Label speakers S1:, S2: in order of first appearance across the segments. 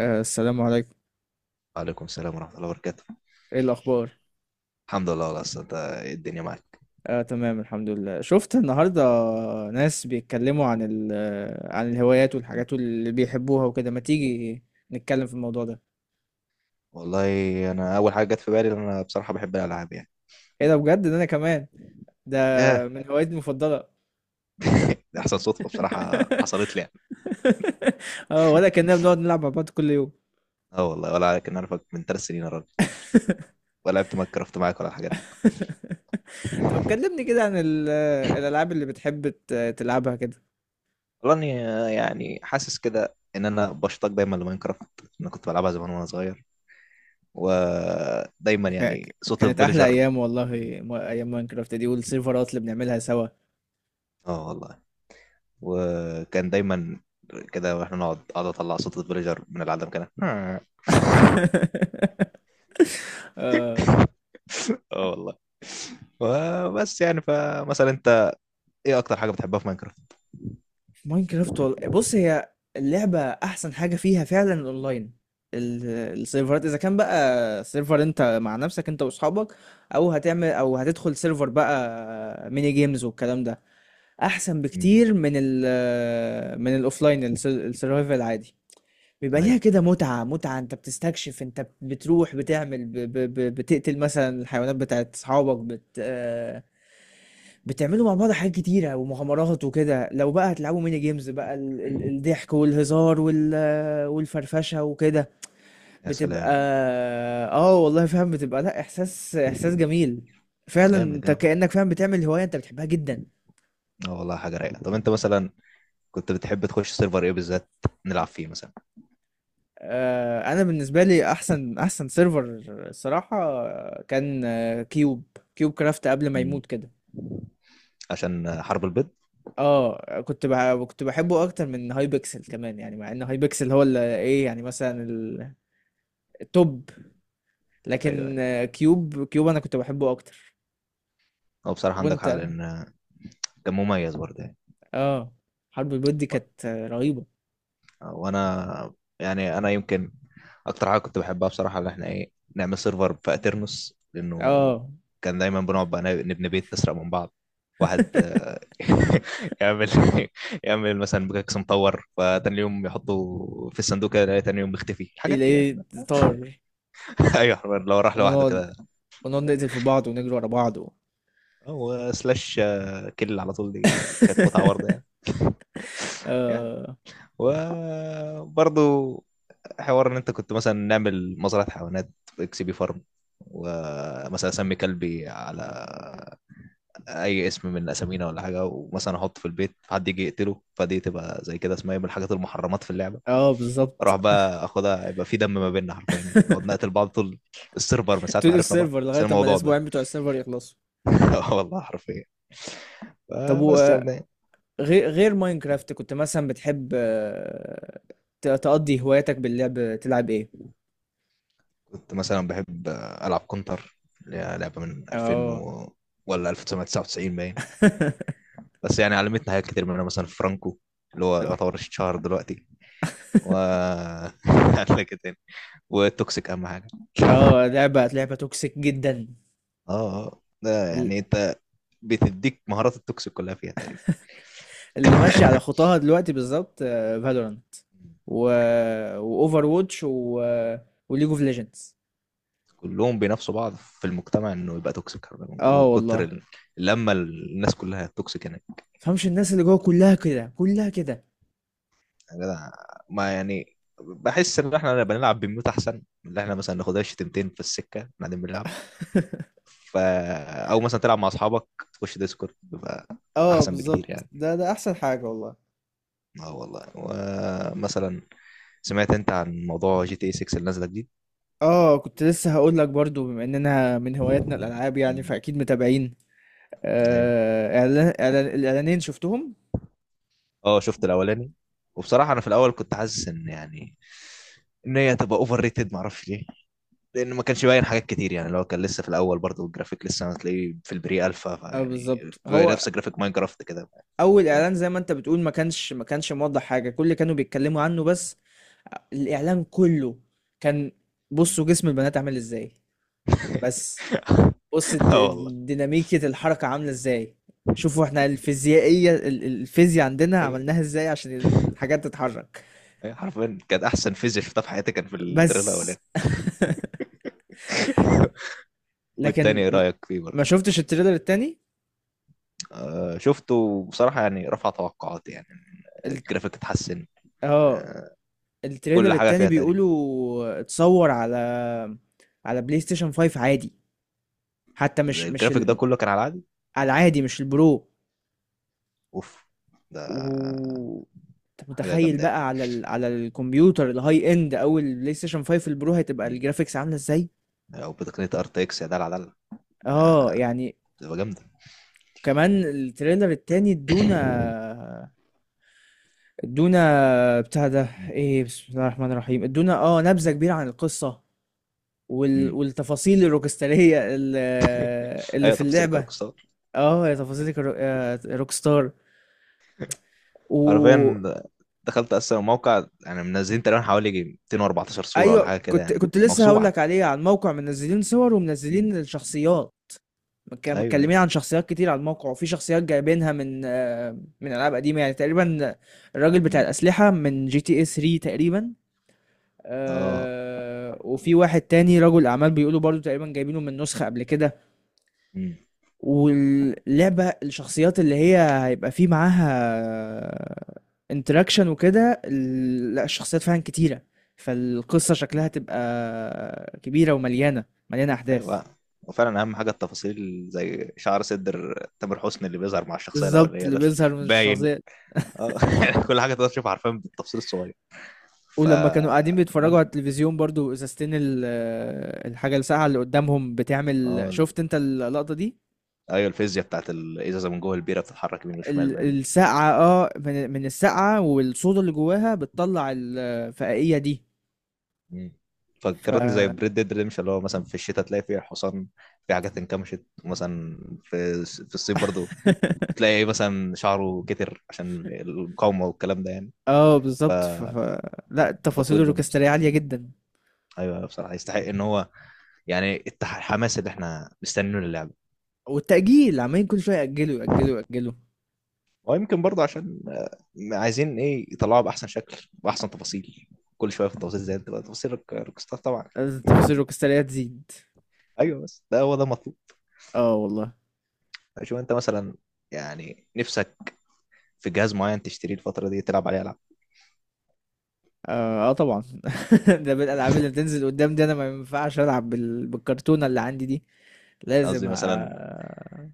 S1: السلام عليكم.
S2: وعليكم السلام ورحمة الله وبركاته.
S1: ايه الاخبار؟
S2: الحمد لله. والله أصل أنت إيه الدنيا معاك؟
S1: آه، تمام الحمد لله. شفت النهارده ناس بيتكلموا عن ال آه، عن الهوايات والحاجات اللي بيحبوها وكده، ما تيجي نتكلم في الموضوع ده.
S2: والله أنا أول حاجة جت في بالي إن أنا بصراحة بحب الألعاب يعني.
S1: ايه ده بجد؟ ده انا كمان ده
S2: ياه.
S1: من هواياتي المفضله.
S2: دي أحسن صدفة بصراحة حصلت لي يعني.
S1: اه، ولا كنا بنقعد نلعب مع بعض كل يوم.
S2: أه والله، ولا عليك إن أنا أعرفك من 3 سنين يا راجل، ولا لعبت ماينكرافت معاك ولا الحاجات دي.
S1: طب كلمني كده عن الالعاب اللي بتحب تلعبها كده.
S2: والله إني يعني حاسس كده إن أنا بشتاق دايما لماينكرافت. أنا كنت بلعبها زمان وأنا صغير، ودايما يعني صوت
S1: كانت احلى
S2: الفيلجر.
S1: ايام والله، ايام ماينكرافت دي والسيرفرات اللي بنعملها سوا.
S2: أه والله، وكان دايما كده، واحنا نقعد اقعد اطلع صوت الفيلجر من العدم كده.
S1: آه،
S2: اه والله. بس يعني فمثلا انت، ايه اكتر حاجه بتحبها في ماينكرافت؟
S1: ماينكرافت بص، هي اللعبة أحسن حاجة فيها فعلا الأونلاين، ال- السيرفرات. إذا كان بقى سيرفر أنت مع نفسك أنت وأصحابك، أو هتعمل أو هتدخل سيرفر بقى ميني جيمز والكلام ده، أحسن
S2: امم
S1: بكتير من من الأوفلاين السرفايفل العادي. بيبقى ليها
S2: ايوه.
S1: كده متعة متعة، أنت بتستكشف، أنت بتروح بتعمل ب ب ب بتقتل مثلا الحيوانات بتاعت أصحابك، بت آه، بتعملوا مع بعض حاجات كتيرة ومغامرات وكده. لو بقى هتلعبوا ميني جيمز بقى، الضحك والهزار والفرفشة وكده
S2: يا
S1: بتبقى.
S2: سلام.
S1: اه والله فاهم. بتبقى لا، احساس احساس جميل فعلا،
S2: جامد
S1: انت
S2: جامد.
S1: كأنك فاهم بتعمل هواية انت بتحبها جدا.
S2: اه والله، حاجه رايقه. طب انت مثلا كنت بتحب تخش سيرفر ايه بالذات، نلعب فيه مثلا؟
S1: انا بالنسبة لي احسن احسن سيرفر الصراحة كان، كيوب، كيوب كرافت قبل ما
S2: امم،
S1: يموت كده.
S2: عشان حرب البيض.
S1: اه كنت كنت بحبه اكتر من هاي بيكسل كمان، يعني مع ان هاي بيكسل هو اللي ايه يعني مثلا التوب،
S2: ايوه ايوه،
S1: لكن كيوب، كيوب انا كنت بحبه اكتر.
S2: هو بصراحه عندك حق،
S1: وانت؟
S2: لان كان مميز برضه يعني.
S1: اه، حرب البيض دي كانت رهيبه.
S2: وانا يعني انا يمكن اكتر حاجه كنت بحبها بصراحه، اللي احنا ايه نعمل سيرفر في اترنس، لانه
S1: اه.
S2: كان دايما بنقعد بقى نبني بيت نسرق من بعض. واحد يعمل يعمل مثلا بكاكس مطور، فتاني يوم يحطه في الصندوق كده يلاقي تاني يوم مختفي الحاجات دي يعني.
S1: الايه، طار؟
S2: ايوه حرفياً، لو راح لوحده
S1: ونقعد،
S2: كده.
S1: ونقعد نقتل في بعض ونجري ورا بعض و...
S2: هو سلاش كل على طول، دي كانت متعه برضه يعني. يعني.
S1: اه،
S2: وبرضه حوار ان انت كنت مثلا نعمل مزرعه حيوانات في اكس بي فارم، ومثلا اسمي كلبي على اي اسم من اسامينا ولا حاجه، ومثلا احطه في البيت حد يجي يقتله، فدي تبقى زي كده اسمها إيه من الحاجات المحرمات في اللعبه.
S1: اه بالظبط.
S2: اروح بقى اخدها، يبقى في دم ما بيننا حرفيا يعني، نقعد نقتل بعض طول السيرفر من ساعه ما
S1: طول
S2: عرفنا بعض،
S1: السيرفر
S2: بس
S1: لغايه اما
S2: الموضوع ده.
S1: الاسبوعين بتوع السيرفر يخلصوا.
S2: والله حرفيا.
S1: طب
S2: بس
S1: وغير،
S2: يعني
S1: غير ماينكرافت كنت مثلا بتحب تقضي هواياتك باللعب، تلعب ايه؟
S2: كنت مثلا بحب العب كونتر، اللي هي لعبه من 2000
S1: اه.
S2: ولا 1999 باين. بس يعني علمتنا حاجات كتير، منها مثلا فرانكو، اللي هو يعتبر الشهر دلوقتي. و لك تاني. والتوكسيك اهم حاجه.
S1: اه، لعبة لعبة توكسيك جدا،
S2: اه اه ده
S1: ال-
S2: يعني انت بتديك مهارات التوكسيك كلها فيها تقريبا.
S1: اللي ماشي على خطاها دلوقتي بالظبط، فالورانت و واوفر ووتش وليج اوف ليجندز.
S2: كلهم بينافسوا بعض في المجتمع انه يبقى توكسيك،
S1: اه
S2: من كتر
S1: والله.
S2: لما الناس كلها توكسيك هناك.
S1: فهمش، الناس اللي جوه كلها كده، كلها كده.
S2: يا جدع، ما يعني بحس ان احنا بنلعب بميوت احسن من اللي احنا مثلا ناخدها شتيمتين في السكه بعدين بنلعب. ف او مثلا تلعب مع اصحابك تخش ديسكورد، بيبقى
S1: اه
S2: احسن بكتير
S1: بالظبط،
S2: يعني.
S1: ده ده احسن حاجة والله.
S2: اه والله، ومثلا سمعت انت عن موضوع جي تي اي 6 اللي نازله جديد؟
S1: اه كنت لسه هقول لك برضو، بما اننا من هواياتنا الالعاب يعني
S2: مم.
S1: فاكيد متابعين.
S2: ايوه،
S1: آه، إعلان، إعلان الإعلانين شفتهم.
S2: اه شفت الاولاني. وبصراحه انا في الاول كنت حاسس ان يعني ان هي تبقى اوفر ريتد، معرفش ليه، لان ما كانش باين حاجات كتير يعني. لو كان لسه في الاول برضه الجرافيك لسه هتلاقيه في البري الفا،
S1: اه
S2: فيعني
S1: بالظبط،
S2: في
S1: هو
S2: نفس جرافيك ماينكرافت كده.
S1: اول
S2: فاهم.
S1: اعلان زي ما انت بتقول، ما كانش موضح حاجه، كل اللي كانوا بيتكلموا عنه بس الاعلان كله كان، بصوا جسم البنات عامل ازاي، بس بص
S2: اه والله.
S1: الديناميكية، الحركة عاملة ازاي، شوفوا احنا الفيزيائية الفيزياء عندنا
S2: ايوه
S1: عملناها ازاي عشان الحاجات تتحرك
S2: ايوه، حرفيا كانت احسن فيزيك شفتها في حياتي، كان في
S1: بس.
S2: التريلر الاولاني. والتاني
S1: لكن
S2: ايه رايك فيه
S1: ما
S2: برضه؟
S1: شفتش التريلر التاني
S2: شفته. بصراحة يعني رفع توقعاتي يعني،
S1: ال-
S2: الجرافيك اتحسن.
S1: اه،
S2: آه،
S1: التريلر
S2: كل حاجة
S1: التاني
S2: فيها تقريبا.
S1: بيقولوا اتصور على، على بلاي ستيشن 5 عادي، حتى
S2: ده
S1: مش
S2: الجرافيك ده كله كان على العادي.
S1: على العادي، مش البرو.
S2: اوف. ده
S1: و انت
S2: حاجة
S1: متخيل
S2: جامدة يعني.
S1: بقى على ال... على الكمبيوتر الهاي اند او البلاي ستيشن 5 البرو هتبقى
S2: مم.
S1: الجرافيكس عامله ازاي؟
S2: او بتقنية ار تي اكس، يا دلع دلع.
S1: اه
S2: ده
S1: يعني.
S2: بتبقى جامدة.
S1: وكمان التريلر التاني ادونا، ادونا بتاع ده
S2: مم.
S1: ايه، بسم الله الرحمن الرحيم، ادونا اه نبذه كبيره عن القصه وال...
S2: مم.
S1: والتفاصيل الروكستاريه اللي
S2: ايوه،
S1: في
S2: تفاصيل
S1: اللعبه.
S2: الكاركستار.
S1: اه يا تفاصيلك روك ستار. و
S2: حرفيا دخلت اصلا الموقع يعني، منزلين تقريبا حوالي يجي 214 صورة ولا
S1: ايوه
S2: حاجة كده،
S1: كنت،
S2: يعني
S1: كنت لسه هقول
S2: موسوعة.
S1: لك عليه، عن موقع منزلين صور
S2: مم.
S1: ومنزلين الشخصيات،
S2: ايوه ايوه.
S1: متكلمين عن شخصيات كتير على الموقع، وفي شخصيات جايبينها من من العاب قديمه يعني تقريبا، الراجل بتاع
S2: مم.
S1: الاسلحه من جي تي اي 3 تقريبا.
S2: اه.
S1: وفي واحد تاني رجل اعمال بيقولوا برضو تقريبا جايبينه من نسخه قبل كده.
S2: مم.
S1: واللعبة الشخصيات اللي هي هيبقى فيه معاها انتراكشن وكده، لا الشخصيات فعلا كتيرة، فالقصة شكلها تبقى كبيرة ومليانة، مليانة أحداث.
S2: ايوه، وفعلا اهم حاجه التفاصيل، زي شعر صدر تامر حسني اللي بيظهر مع الشخصيه
S1: بالظبط،
S2: الاولانيه
S1: اللي
S2: ده،
S1: بيظهر من
S2: باين.
S1: الشخصيات.
S2: اه كل حاجه تقدر تشوفها، عارفين بالتفصيل الصغير. ف
S1: ولما كانوا قاعدين بيتفرجوا
S2: نعم.
S1: على التلفزيون برضو، الحاجة الساقعة اللي قدامهم بتعمل،
S2: اه،
S1: شفت انت اللقطة دي؟
S2: ايوه الفيزياء بتاعت الازازه من جوه البيره بتتحرك يمين وشمال، باين.
S1: الساقعة اه، من الساقعة والصودا اللي جواها بتطلع الفقائية دي.
S2: مم.
S1: ف،
S2: فكرتني زي بريد ديد ريمش، اللي هو مثلا في الشتاء تلاقي فيه حصان في حاجات انكمشت مثلا، في الصيف برضو تلاقي مثلا شعره كتر عشان المقاومه والكلام ده يعني.
S1: اه بالظبط لا، التفاصيل
S2: تطوير جامد
S1: الروكسترية
S2: بصراحه.
S1: عالية جدا.
S2: ايوه بصراحه يستحق ان هو، يعني الحماس اللي احنا مستنينه للعبه.
S1: والتأجيل عمالين كل شوية يأجلوا،
S2: ويمكن برضه عشان عايزين ايه يطلعوها باحسن شكل، باحسن تفاصيل. كل شويه في التفاصيل، زي انت بقى تفاصيل روكستار طبعا.
S1: التفاصيل الروكسترية تزيد.
S2: ايوه بس ده هو ده المطلوب.
S1: اه والله.
S2: شوف انت مثلا، يعني نفسك في جهاز معين تشتريه الفتره دي تلعب عليه العاب.
S1: طبعا. ده بالألعاب اللي بتنزل قدام دي، أنا ما ينفعش ألعب بالكرتونة اللي عندي دي،
S2: يعني
S1: لازم
S2: قصدي مثلا
S1: آه...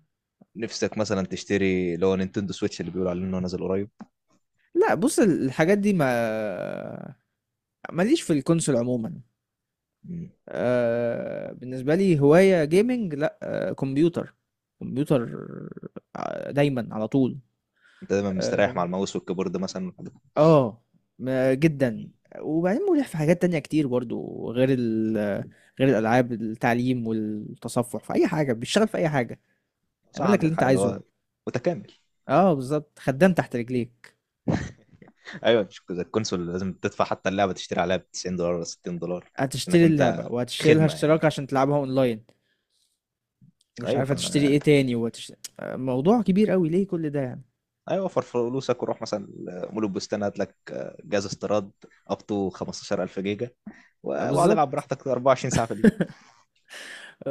S2: نفسك مثلا تشتري اللي هو نينتندو سويتش، اللي بيقولوا عليه انه نازل قريب.
S1: لا بص، الحاجات دي ما ماليش في الكونسول عموما.
S2: مم.
S1: آه... بالنسبة لي هواية جيمنج، لا آه... كمبيوتر، كمبيوتر دايما على طول.
S2: انت دايما مستريح
S1: آه،
S2: مع الماوس والكيبورد مثلا.
S1: اه جدا. وبعدين مريح في حاجات تانية كتير برضو، غير الألعاب، التعليم والتصفح في أي حاجة، بيشتغل في أي حاجة،
S2: صح،
S1: اعمل لك اللي
S2: عندك
S1: أنت
S2: حق ان
S1: عايزه.
S2: هو متكامل.
S1: اه بالظبط، خدام تحت رجليك.
S2: ايوه مش كده، الكونسول لازم تدفع حتى اللعبه تشتري عليها ب $90 ولا $60، انك
S1: هتشتري اللعبة
S2: انت
S1: وهتشتري لها
S2: خدمه يعني.
S1: اشتراك عشان تلعبها اونلاين، ومش
S2: ايوه
S1: عارف
S2: ف
S1: هتشتري ايه تاني وهتشتري، موضوع كبير قوي ليه كل ده يعني؟
S2: ايوه، وفر فلوسك وروح مثلا مول البستان، هات لك جهاز استيراد اب تو 15,000 جيجا،
S1: آه
S2: واقعد العب
S1: بالظبط.
S2: براحتك 24 ساعه في اليوم.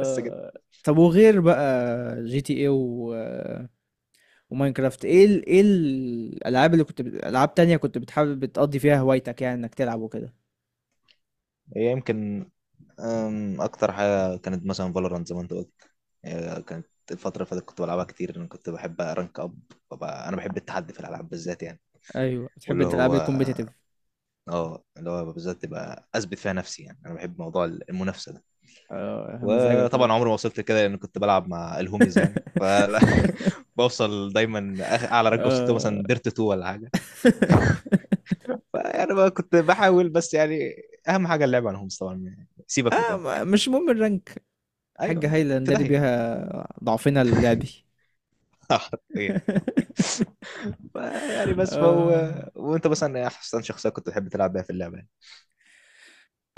S2: بس كده.
S1: طب وغير بقى جي تي ايه وماينكرافت، ايه ال... ايه الالعاب اللي العاب تانية كنت بتحب بتقضي فيها هوايتك يعني، انك تلعب وكده؟
S2: هي يمكن اكتر حاجه كانت مثلا فالورانت زي ما انت قلت. هي كانت الفتره اللي فاتت كنت بلعبها كتير، لان كنت بحب ارانك اب. ببقى- انا بحب التحدي في الالعاب بالذات يعني.
S1: ايوه، بتحب
S2: واللي
S1: انت الالعاب
S2: هو،
S1: الكومبيتيتيف.
S2: اه اللي هو بالذات تبقى اثبت فيها نفسي، يعني انا بحب موضوع المنافسه ده.
S1: اه مزاجك يا
S2: وطبعا
S1: ميدو.
S2: عمري ما وصلت لكده، لان كنت بلعب مع الهوميز يعني، فلا بوصل. دايما اعلى رانك وصلت له
S1: اه.
S2: مثلا ديرت 2 ولا حاجه. فيعني بقى كنت بحاول، بس يعني اهم حاجه اللعب على الهوميز طبعا، سيبك من الرانك.
S1: مش مهم الرانك،
S2: ايوه،
S1: حاجة هايلة
S2: في
S1: نداري
S2: داهيه.
S1: بيها ضعفنا اللعبي.
S2: حرفيا. فيعني بس فهو.
S1: آه.
S2: وانت مثلا إيه احسن شخصيه كنت تحب تلعب بيها في اللعبه يعني؟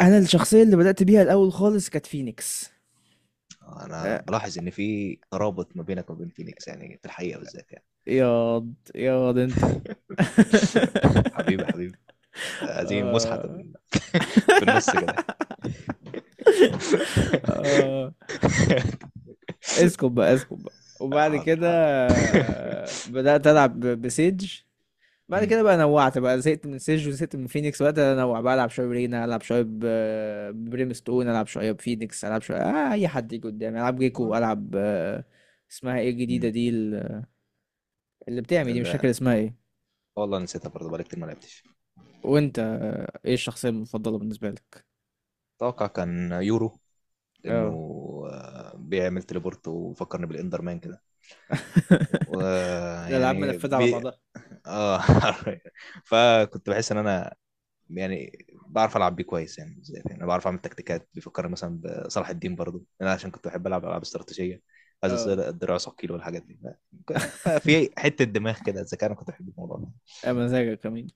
S1: انا الشخصيه اللي بدات بيها الاول خالص كانت فينيكس.
S2: انا
S1: آه،
S2: بلاحظ ان في ترابط ما بينك وبين فينيكس يعني في الحقيقه بالذات يعني.
S1: ياض ياض انت.
S2: حبيبي حبيبي. هذه مسحة
S1: آه.
S2: في النص كده.
S1: آه، اسكت بقى، اسكت بقى. وبعد
S2: حاضر
S1: كده
S2: حاضر.
S1: بدأت ألعب بسيج. بعد
S2: مم.
S1: كده بقى نوعت بقى، زهقت من سيج وزهقت من فينيكس، وقت أنوع بقى، ألعب شوية برينا، ألعب شوية ببريم ستون، ألعب شوية بفينيكس، ألعب شوية آه، أي حد يجي قدامي ألعب جيكو، ألعب اسمها إيه الجديدة
S2: مم.
S1: دي اللي بتعمل دي، مش فاكر
S2: لا،
S1: اسمها إيه.
S2: والله نسيتها برضه بقالي كتير ما لعبتش.
S1: وأنت إيه الشخصية المفضلة بالنسبة لك؟
S2: اتوقع كان يورو، لانه
S1: اه.
S2: بيعمل تليبورت وفكرني بالاندر مان كده،
S1: الألعاب
S2: يعني
S1: منفذة على بعضها.
S2: اه. فكنت بحس ان انا، يعني بعرف العب بيه كويس، يعني زي يعني بعرف اعمل تكتيكات، بيفكرني مثلا بصلاح الدين برضه، انا عشان كنت بحب العب العاب استراتيجيه، عايز
S1: اه
S2: اصير الدراع ثقيل والحاجات دي. ففي حته دماغ كده الذكاء، انا كنت بحب الموضوع ده.
S1: يا مزاجك كمان.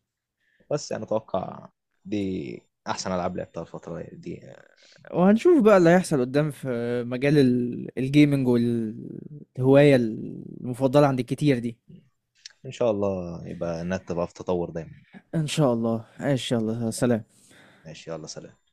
S2: بس انا اتوقع دي احسن العاب لعبتها الفتره دي يعني.
S1: وهنشوف بقى اللي هيحصل قدام في مجال الجيمنج والهواية المفضلة عند الكتير دي.
S2: ان شاء الله يبقى النت بقى في تطور دايما.
S1: إن شاء الله، إن شاء الله. سلام.
S2: ماشي، يلا سلام.